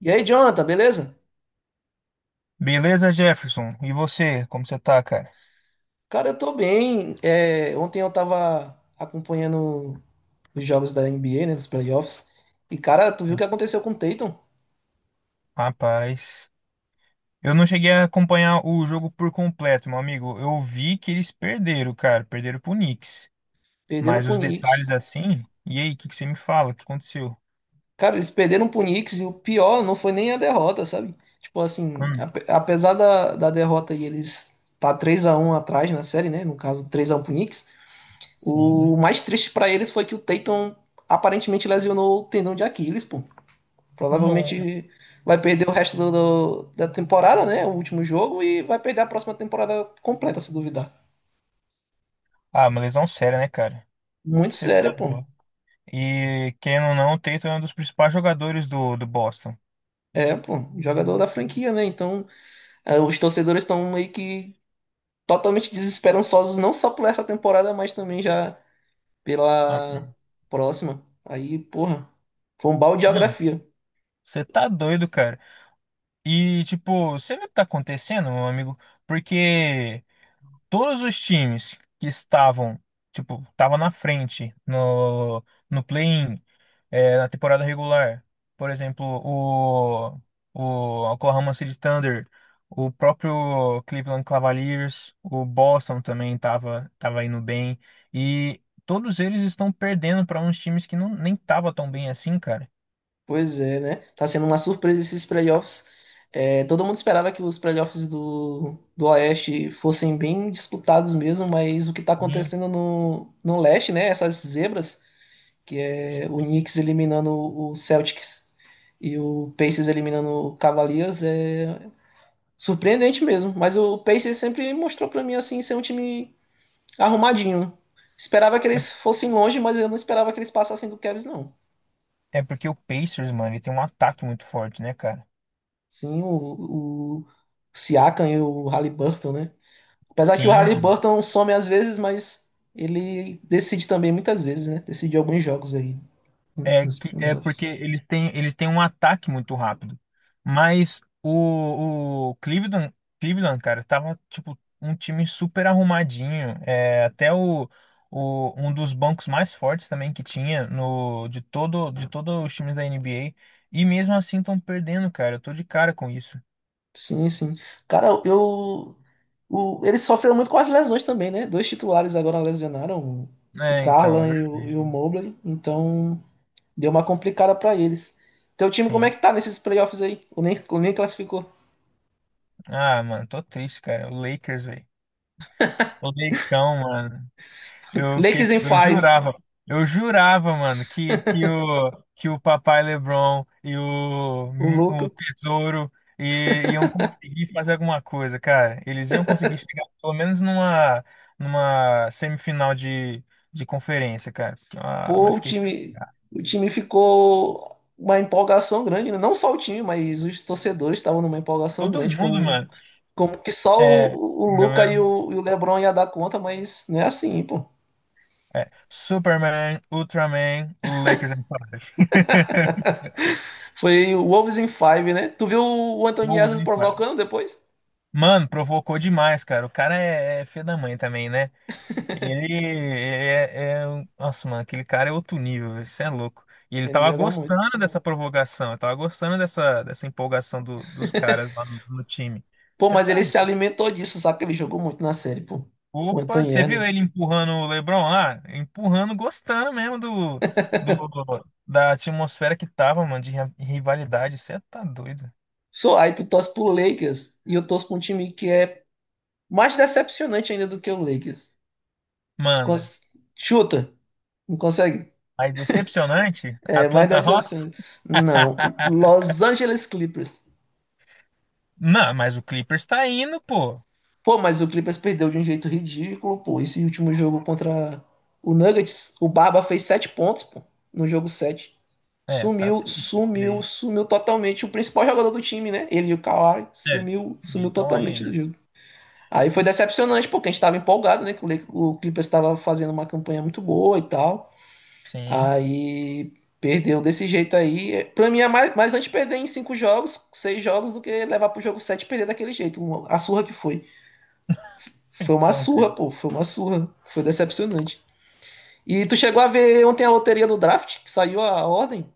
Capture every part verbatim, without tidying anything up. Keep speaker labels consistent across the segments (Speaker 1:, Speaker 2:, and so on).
Speaker 1: E aí, Jonathan, beleza?
Speaker 2: Beleza, Jefferson? E você, como você tá, cara?
Speaker 1: Cara, eu tô bem. É, ontem eu tava acompanhando os jogos da N B A, né, dos playoffs. E, cara, tu viu o que aconteceu com o Tatum?
Speaker 2: Rapaz, eu não cheguei a acompanhar o jogo por completo, meu amigo. Eu vi que eles perderam, cara, perderam pro Knicks.
Speaker 1: Perderam
Speaker 2: Mas
Speaker 1: pro
Speaker 2: os detalhes
Speaker 1: Knicks.
Speaker 2: assim, e aí, o que que você me fala? O que aconteceu?
Speaker 1: Cara, eles perderam pro Knicks e o pior não foi nem a derrota, sabe? Tipo assim,
Speaker 2: Hum,
Speaker 1: ape- apesar da, da derrota e eles tá três a um atrás na série, né? No caso, três a um pro Knicks.
Speaker 2: sim.
Speaker 1: O mais triste pra eles foi que o Tatum aparentemente lesionou o tendão de Aquiles, pô.
Speaker 2: Não.
Speaker 1: Provavelmente vai perder o resto do- do- da temporada, né? O último jogo e vai perder a próxima temporada completa, se duvidar.
Speaker 2: Ah, uma lesão séria, né, cara?
Speaker 1: Muito
Speaker 2: Você tá
Speaker 1: sério, pô.
Speaker 2: doido. E querendo ou não, o Tatum é um dos principais jogadores do, do Boston.
Speaker 1: É, pô, jogador da franquia, né? Então, eh, os torcedores estão meio que totalmente desesperançosos, não só por essa temporada, mas também já
Speaker 2: Ah,
Speaker 1: pela próxima. Aí, porra, foi um balde de
Speaker 2: não,
Speaker 1: geografia.
Speaker 2: você tá doido, cara. E, tipo, você vê o que tá acontecendo, meu amigo? Porque todos os times que estavam, tipo, estavam na frente no, no play-in, é, na temporada regular, por exemplo, o, o Oklahoma City Thunder, o próprio Cleveland Cavaliers, o Boston também estava tava tava indo bem, e todos eles estão perdendo para uns times que não, nem tava tão bem assim, cara.
Speaker 1: Pois é, né? Tá sendo uma surpresa esses playoffs. É, todo mundo esperava que os playoffs do, do Oeste fossem bem disputados mesmo, mas o que tá
Speaker 2: Hum.
Speaker 1: acontecendo no, no Leste, né? Essas zebras, que é o Knicks eliminando o Celtics e o Pacers eliminando o Cavaliers, é surpreendente mesmo. Mas o Pacers sempre mostrou pra mim, assim, ser um time arrumadinho. Esperava que
Speaker 2: É
Speaker 1: eles fossem longe, mas eu não esperava que eles passassem do Cavs, não.
Speaker 2: é porque o Pacers, mano, ele tem um ataque muito forte, né, cara?
Speaker 1: Sim, o, o Siakam e o Haliburton, né? Apesar que o
Speaker 2: Sim,
Speaker 1: Haliburton some às vezes, mas ele decide também muitas vezes, né? Decidiu alguns jogos aí, né,
Speaker 2: é
Speaker 1: nos,
Speaker 2: que
Speaker 1: nos
Speaker 2: é porque
Speaker 1: offs.
Speaker 2: eles têm eles têm um ataque muito rápido. Mas o, o Cleveland, Cleveland, cara, tava tipo um time super arrumadinho. É, até o, o um dos bancos mais fortes também que tinha no de todo de todos os times da N B A. E mesmo assim estão perdendo, cara. Eu tô de cara com isso.
Speaker 1: Sim, sim. Cara, eu. O, ele sofreu muito com as lesões também, né? Dois titulares agora lesionaram, o, o
Speaker 2: É, então, é
Speaker 1: Garland e o,
Speaker 2: verdade.
Speaker 1: e o Mobley, então deu uma complicada pra eles. Teu time, como é
Speaker 2: Sim.
Speaker 1: que tá nesses playoffs aí? O nem, o nem classificou.
Speaker 2: Ah, mano, tô triste, cara. O Lakers, velho. O Leicão, mano. Eu fiquei,
Speaker 1: Lakers em
Speaker 2: eu
Speaker 1: five,
Speaker 2: jurava, eu jurava, mano, que, que o, que o Papai LeBron e o,
Speaker 1: o
Speaker 2: o
Speaker 1: Luca.
Speaker 2: Tesouro i- iam conseguir fazer alguma coisa, cara. Eles iam conseguir chegar pelo menos numa, numa semifinal de, de conferência, cara. Porque, ah,
Speaker 1: Pô,
Speaker 2: mas
Speaker 1: o
Speaker 2: fiquei chateado.
Speaker 1: time, o time ficou uma empolgação grande, né? Não só o time, mas os torcedores estavam numa empolgação
Speaker 2: Todo
Speaker 1: grande,
Speaker 2: mundo,
Speaker 1: como,
Speaker 2: mano.
Speaker 1: como que só
Speaker 2: É,
Speaker 1: o, o
Speaker 2: não
Speaker 1: Luca
Speaker 2: é?
Speaker 1: e o, e o LeBron ia dar conta, mas não é assim, pô.
Speaker 2: É, Superman, Ultraman, Lakers em Fire.
Speaker 1: Foi o Wolves in Five, né? Tu viu o Anthony
Speaker 2: Wolves
Speaker 1: Edwards
Speaker 2: em Fire.
Speaker 1: provocando depois?
Speaker 2: Mano, provocou demais, cara. O cara é, é filho da mãe também, né? Ele é, é- é um- Nossa, mano, aquele cara é outro nível, velho. Isso é louco. E ele
Speaker 1: Ele
Speaker 2: tava
Speaker 1: joga muito.
Speaker 2: gostando dessa provocação, ele tava gostando dessa, dessa empolgação do- dos caras lá no, no time.
Speaker 1: Pô,
Speaker 2: Você
Speaker 1: mas
Speaker 2: tá
Speaker 1: ele
Speaker 2: doido.
Speaker 1: se alimentou disso, sabe? Que ele jogou muito na série, pô. O
Speaker 2: Opa,
Speaker 1: Anthony
Speaker 2: você viu ele
Speaker 1: Edwards.
Speaker 2: empurrando o LeBron lá? Empurrando, gostando mesmo do, do, do- da atmosfera que tava, mano, de ri- rivalidade. Você tá doido.
Speaker 1: Só aí tu torce pro Lakers e eu torço pra um time que é mais decepcionante ainda do que o Lakers.
Speaker 2: Manda.
Speaker 1: Cons- Chuta. Não consegue.
Speaker 2: Aí, decepcionante,
Speaker 1: É mais
Speaker 2: Atlanta Hawks.
Speaker 1: decepcionante. Não. Los Angeles Clippers.
Speaker 2: Não, mas o Clippers tá indo, pô.
Speaker 1: Pô, mas o Clippers perdeu de um jeito ridículo, pô. Esse último jogo contra o Nuggets, o Barba fez sete pontos, pô, no jogo sete.
Speaker 2: É, tá
Speaker 1: Sumiu,
Speaker 2: triste isso
Speaker 1: sumiu,
Speaker 2: daí.
Speaker 1: sumiu totalmente. O principal jogador do time, né? Ele e o Kawhi
Speaker 2: É,
Speaker 1: sumiu, sumiu
Speaker 2: ele tá
Speaker 1: totalmente do
Speaker 2: indo.
Speaker 1: jogo. Aí foi decepcionante, porque a gente tava empolgado, né? Que o Le- o Clippers estava fazendo uma campanha muito boa e tal.
Speaker 2: Sim.
Speaker 1: Aí perdeu desse jeito aí. Pra mim é mais, mais antes perder em cinco jogos, seis jogos, do que levar pro jogo sete e perder daquele jeito. Uma- A surra que foi. Foi uma
Speaker 2: Então, cara,
Speaker 1: surra, pô. Foi uma surra. Foi decepcionante. E tu chegou a ver ontem a loteria do draft, que saiu a ordem?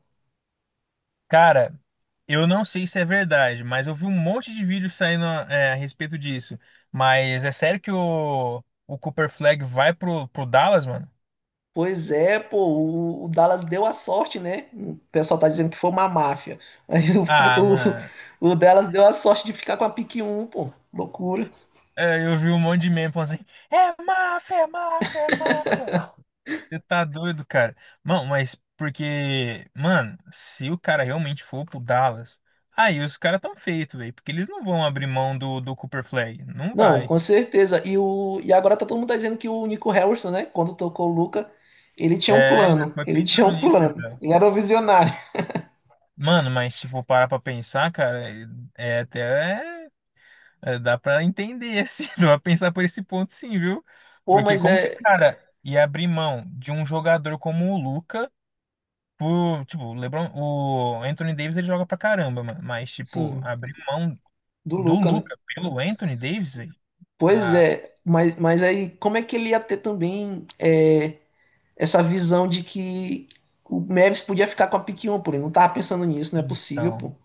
Speaker 2: cara, eu não sei se é verdade, mas eu vi um monte de vídeos saindo é, a respeito disso. Mas é sério que o, o Cooper Flag vai pro, pro Dallas, mano?
Speaker 1: Pois é, pô, o, o Dallas deu a sorte, né? O pessoal tá dizendo que foi uma máfia. Aí o,
Speaker 2: Ah, mano,
Speaker 1: o, o Dallas deu a sorte de ficar com a pique um, pô. Loucura.
Speaker 2: é, eu vi um monte de meme falando assim: é máfia, é máfia, é máfia. Você tá doido, cara. Mano, mas porque, mano, se o cara realmente for pro Dallas, aí os caras tão feitos, velho. Porque eles não vão abrir mão do, do Cooper Flag. Não
Speaker 1: Não,
Speaker 2: vai.
Speaker 1: com certeza. E, o, e agora tá todo mundo tá dizendo que o Nico Harrison, né? Quando tocou o Luca, ele tinha um
Speaker 2: É, já
Speaker 1: plano.
Speaker 2: foi
Speaker 1: Ele tinha
Speaker 2: pensando
Speaker 1: um
Speaker 2: nisso
Speaker 1: plano.
Speaker 2: já.
Speaker 1: Ele era um visionário.
Speaker 2: Mano, mas se for parar pra pensar, cara, é é até. É, dá pra entender, assim. Dá pra pensar por esse ponto, sim, viu?
Speaker 1: Pô,
Speaker 2: Porque
Speaker 1: mas
Speaker 2: como que o
Speaker 1: é.
Speaker 2: cara ia abrir mão de um jogador como o Luca. Por, tipo, o LeBron, o Anthony Davis ele joga pra caramba, mano. Mas, tipo,
Speaker 1: Sim,
Speaker 2: abrir mão
Speaker 1: do
Speaker 2: do
Speaker 1: Luca, né?
Speaker 2: Luca pelo Anthony Davis, velho?
Speaker 1: Pois
Speaker 2: Ah,
Speaker 1: é. Mas, mas aí, como é que ele ia ter também é, essa visão de que o Mavis podia ficar com a pick um, pô? Ele não tava pensando nisso, não é possível,
Speaker 2: então.
Speaker 1: pô.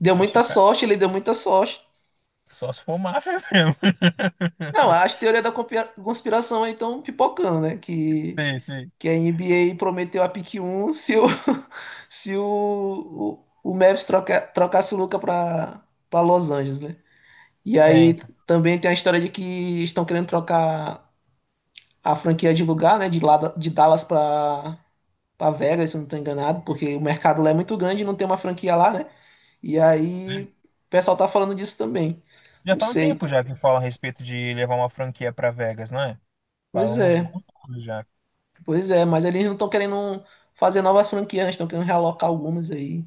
Speaker 1: Deu
Speaker 2: Só se
Speaker 1: muita
Speaker 2: o cara.
Speaker 1: sorte, ele deu muita sorte.
Speaker 2: Só se for máfia mesmo.
Speaker 1: Não, as teorias da compira- conspiração aí estão pipocando, né? Que,
Speaker 2: Sei, sei.
Speaker 1: que a N B A prometeu a pick um se o se o, o, o Mavis troca, trocasse o Luca para para Los Angeles, né? E
Speaker 2: É,
Speaker 1: aí
Speaker 2: então.
Speaker 1: também tem a história de que estão querendo trocar a franquia de lugar, né? De, lá, da- de Dallas para para Vegas, se eu não estou enganado, porque o mercado lá é muito grande e não tem uma franquia lá, né? E aí o pessoal tá falando disso também.
Speaker 2: Já
Speaker 1: Não
Speaker 2: faz um
Speaker 1: sei.
Speaker 2: tempo já que fala a respeito de levar uma franquia pra Vegas, não é? Faz
Speaker 1: Pois
Speaker 2: uns
Speaker 1: é,
Speaker 2: bons anos já.
Speaker 1: pois é, mas eles não estão querendo fazer novas franquias, né? Estão querendo realocar algumas aí.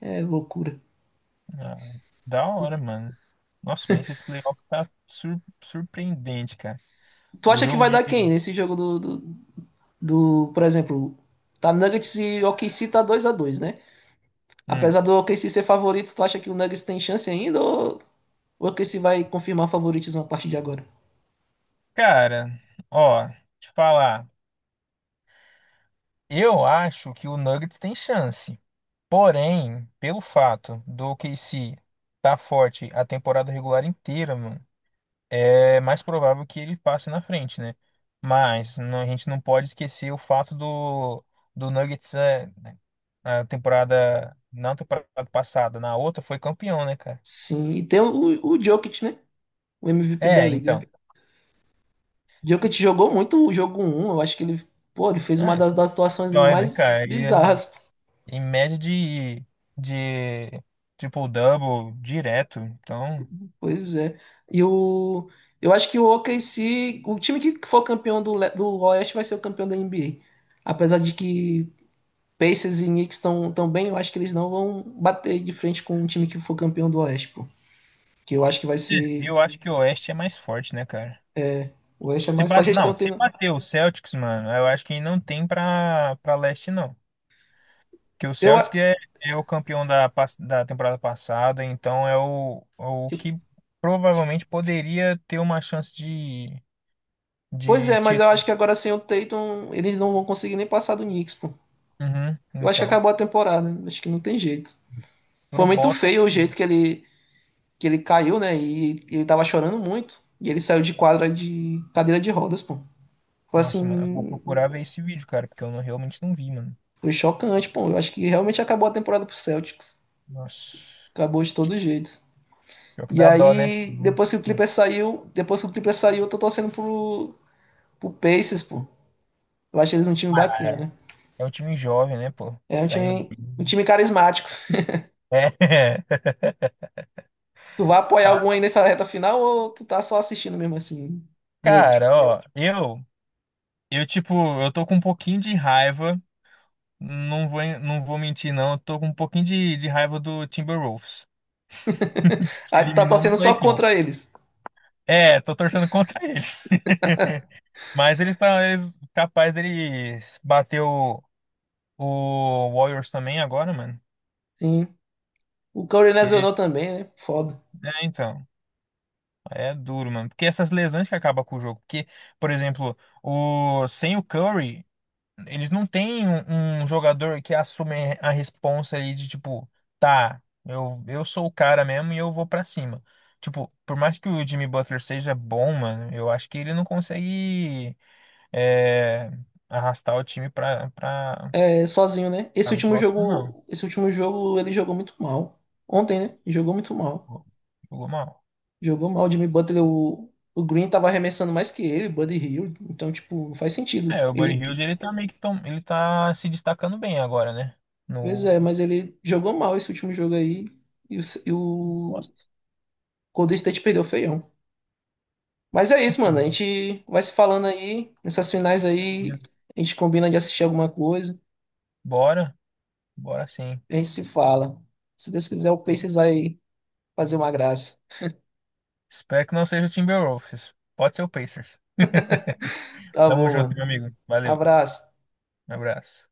Speaker 1: É loucura.
Speaker 2: Ah, da hora, mano. Nossa, mas esse playoff tá sur- surpreendente, cara.
Speaker 1: Tu
Speaker 2: O
Speaker 1: acha que
Speaker 2: jogo
Speaker 1: vai
Speaker 2: de.
Speaker 1: dar quem nesse jogo do, do, do, por exemplo, tá Nuggets e o OKC tá dois a dois, né?
Speaker 2: Hum.
Speaker 1: Apesar do O K C ser favorito, tu acha que o Nuggets tem chance ainda ou o OKC vai confirmar favoritismo a partir de agora?
Speaker 2: Cara, ó, te falar. Eu acho que o Nuggets tem chance. Porém, pelo fato do O K C tá forte a temporada regular inteira, mano, é mais provável que ele passe na frente, né? Mas não, a gente não pode esquecer o fato do, do Nuggets é, na temporada, na temporada passada, na outra foi campeão, né, cara?
Speaker 1: Sim, e tem o, o Jokic, né? O M V P da
Speaker 2: É, então.
Speaker 1: liga. Jokic jogou muito o jogo um. Eu acho que ele, pô, ele fez uma
Speaker 2: É,
Speaker 1: das, das situações
Speaker 2: dói, né,
Speaker 1: mais
Speaker 2: cara? E, é,
Speaker 1: bizarras,
Speaker 2: em média de, de triple-double direto. Então,
Speaker 1: pois é. E o eu acho que o OKC, o time que for campeão do, Le- do Oeste vai ser o campeão da N B A. Apesar de que Pacers e Knicks estão tão bem, eu acho que eles não vão bater de frente com um time que for campeão do Oeste, pô. Que eu acho que vai ser.
Speaker 2: eu acho que o Oeste é mais forte, né, cara?
Speaker 1: O Oeste é
Speaker 2: Se
Speaker 1: mais forte,
Speaker 2: bate,
Speaker 1: eles
Speaker 2: não,
Speaker 1: estão
Speaker 2: se
Speaker 1: tendo.
Speaker 2: bater o Celtics, mano, eu acho que não tem pra, pra leste, não. Porque o
Speaker 1: Eu...
Speaker 2: Celtics é, é o campeão da, pas- da temporada passada, então é o, é o que provavelmente poderia ter uma chance de,
Speaker 1: Pois
Speaker 2: de
Speaker 1: é, mas eu acho
Speaker 2: título.
Speaker 1: que agora sem o Tatum, eles não vão conseguir nem passar do Knicks, pô.
Speaker 2: Uhum,
Speaker 1: Eu acho que
Speaker 2: então,
Speaker 1: acabou a temporada, né? Acho que não tem jeito. Foi
Speaker 2: pro
Speaker 1: muito
Speaker 2: Boston,
Speaker 1: feio o jeito que ele, que ele, caiu, né? E ele tava chorando muito. E ele saiu de quadra de cadeira de rodas, pô. Foi
Speaker 2: nossa, mano, eu vou
Speaker 1: assim.
Speaker 2: procurar ver esse vídeo, cara, porque eu não- realmente não vi, mano.
Speaker 1: Foi chocante, pô. Eu acho que realmente acabou a temporada pro Celtics.
Speaker 2: Nossa,
Speaker 1: Acabou de todo jeito.
Speaker 2: pior que
Speaker 1: E
Speaker 2: dá dó, né?
Speaker 1: aí,
Speaker 2: Uhum.
Speaker 1: depois que o Clippers saiu, depois que o Clippers saiu, eu tô torcendo pro, pro Pacers, pô. Eu acho eles um time
Speaker 2: Ah, é,
Speaker 1: bacana.
Speaker 2: é um time jovem, né, pô?
Speaker 1: É um
Speaker 2: Tá indo
Speaker 1: time, um
Speaker 2: bem.
Speaker 1: time carismático.
Speaker 2: É.
Speaker 1: Tu vai apoiar
Speaker 2: Ah,
Speaker 1: algum aí nessa reta final ou tu tá só assistindo mesmo assim, neutro?
Speaker 2: cara, ó, eu Eu, tipo, eu tô com um pouquinho de raiva, não vou, não vou mentir, não. Eu tô com um pouquinho de, de raiva do Timberwolves, que
Speaker 1: Aí tu tá
Speaker 2: eliminou meu
Speaker 1: torcendo só
Speaker 2: Lakers.
Speaker 1: contra eles.
Speaker 2: É, tô torcendo contra eles. Mas eles estão eles, capaz deles bater o, o Warriors também agora, mano.
Speaker 1: Sim. O Curry
Speaker 2: Porque,
Speaker 1: lesionou também, né? Foda.
Speaker 2: é, então, é duro, mano. Porque essas lesões que acabam com o jogo. Porque, por exemplo, o, sem o Curry, eles não têm um, um jogador que assume a responsa ali de tipo, tá, eu, eu sou o cara mesmo e eu vou pra cima. Tipo, por mais que o Jimmy Butler seja bom, mano, eu acho que ele não consegue é, arrastar o time pra, pra,
Speaker 1: É sozinho, né? Esse
Speaker 2: pra muito
Speaker 1: último
Speaker 2: próximo, não.
Speaker 1: jogo, esse último jogo ele jogou muito mal. Ontem, né? Jogou muito mal.
Speaker 2: Jogou jogou mal.
Speaker 1: Jogou mal o Jimmy Butler, o, o Green tava arremessando mais que ele, Buddy Hill. Então, tipo, não faz sentido.
Speaker 2: É, o
Speaker 1: Ele
Speaker 2: Buddy Hield ele tá meio que tom, ele tá se destacando bem agora, né?
Speaker 1: Pois
Speaker 2: No
Speaker 1: é, mas ele jogou mal esse último jogo aí e o, e o
Speaker 2: Boston.
Speaker 1: Golden State perdeu feião. Mas é isso, mano. A
Speaker 2: Então,
Speaker 1: gente vai se falando aí. Nessas finais aí, a gente combina de assistir alguma coisa.
Speaker 2: bora, bora sim.
Speaker 1: A gente se fala. Se Deus quiser, o Pacers vai fazer uma graça.
Speaker 2: Espero que não seja o Timberwolves. Pode ser o Pacers.
Speaker 1: Tá
Speaker 2: Tamo
Speaker 1: bom,
Speaker 2: junto,
Speaker 1: mano.
Speaker 2: meu amigo. Valeu.
Speaker 1: Abraço.
Speaker 2: Um abraço.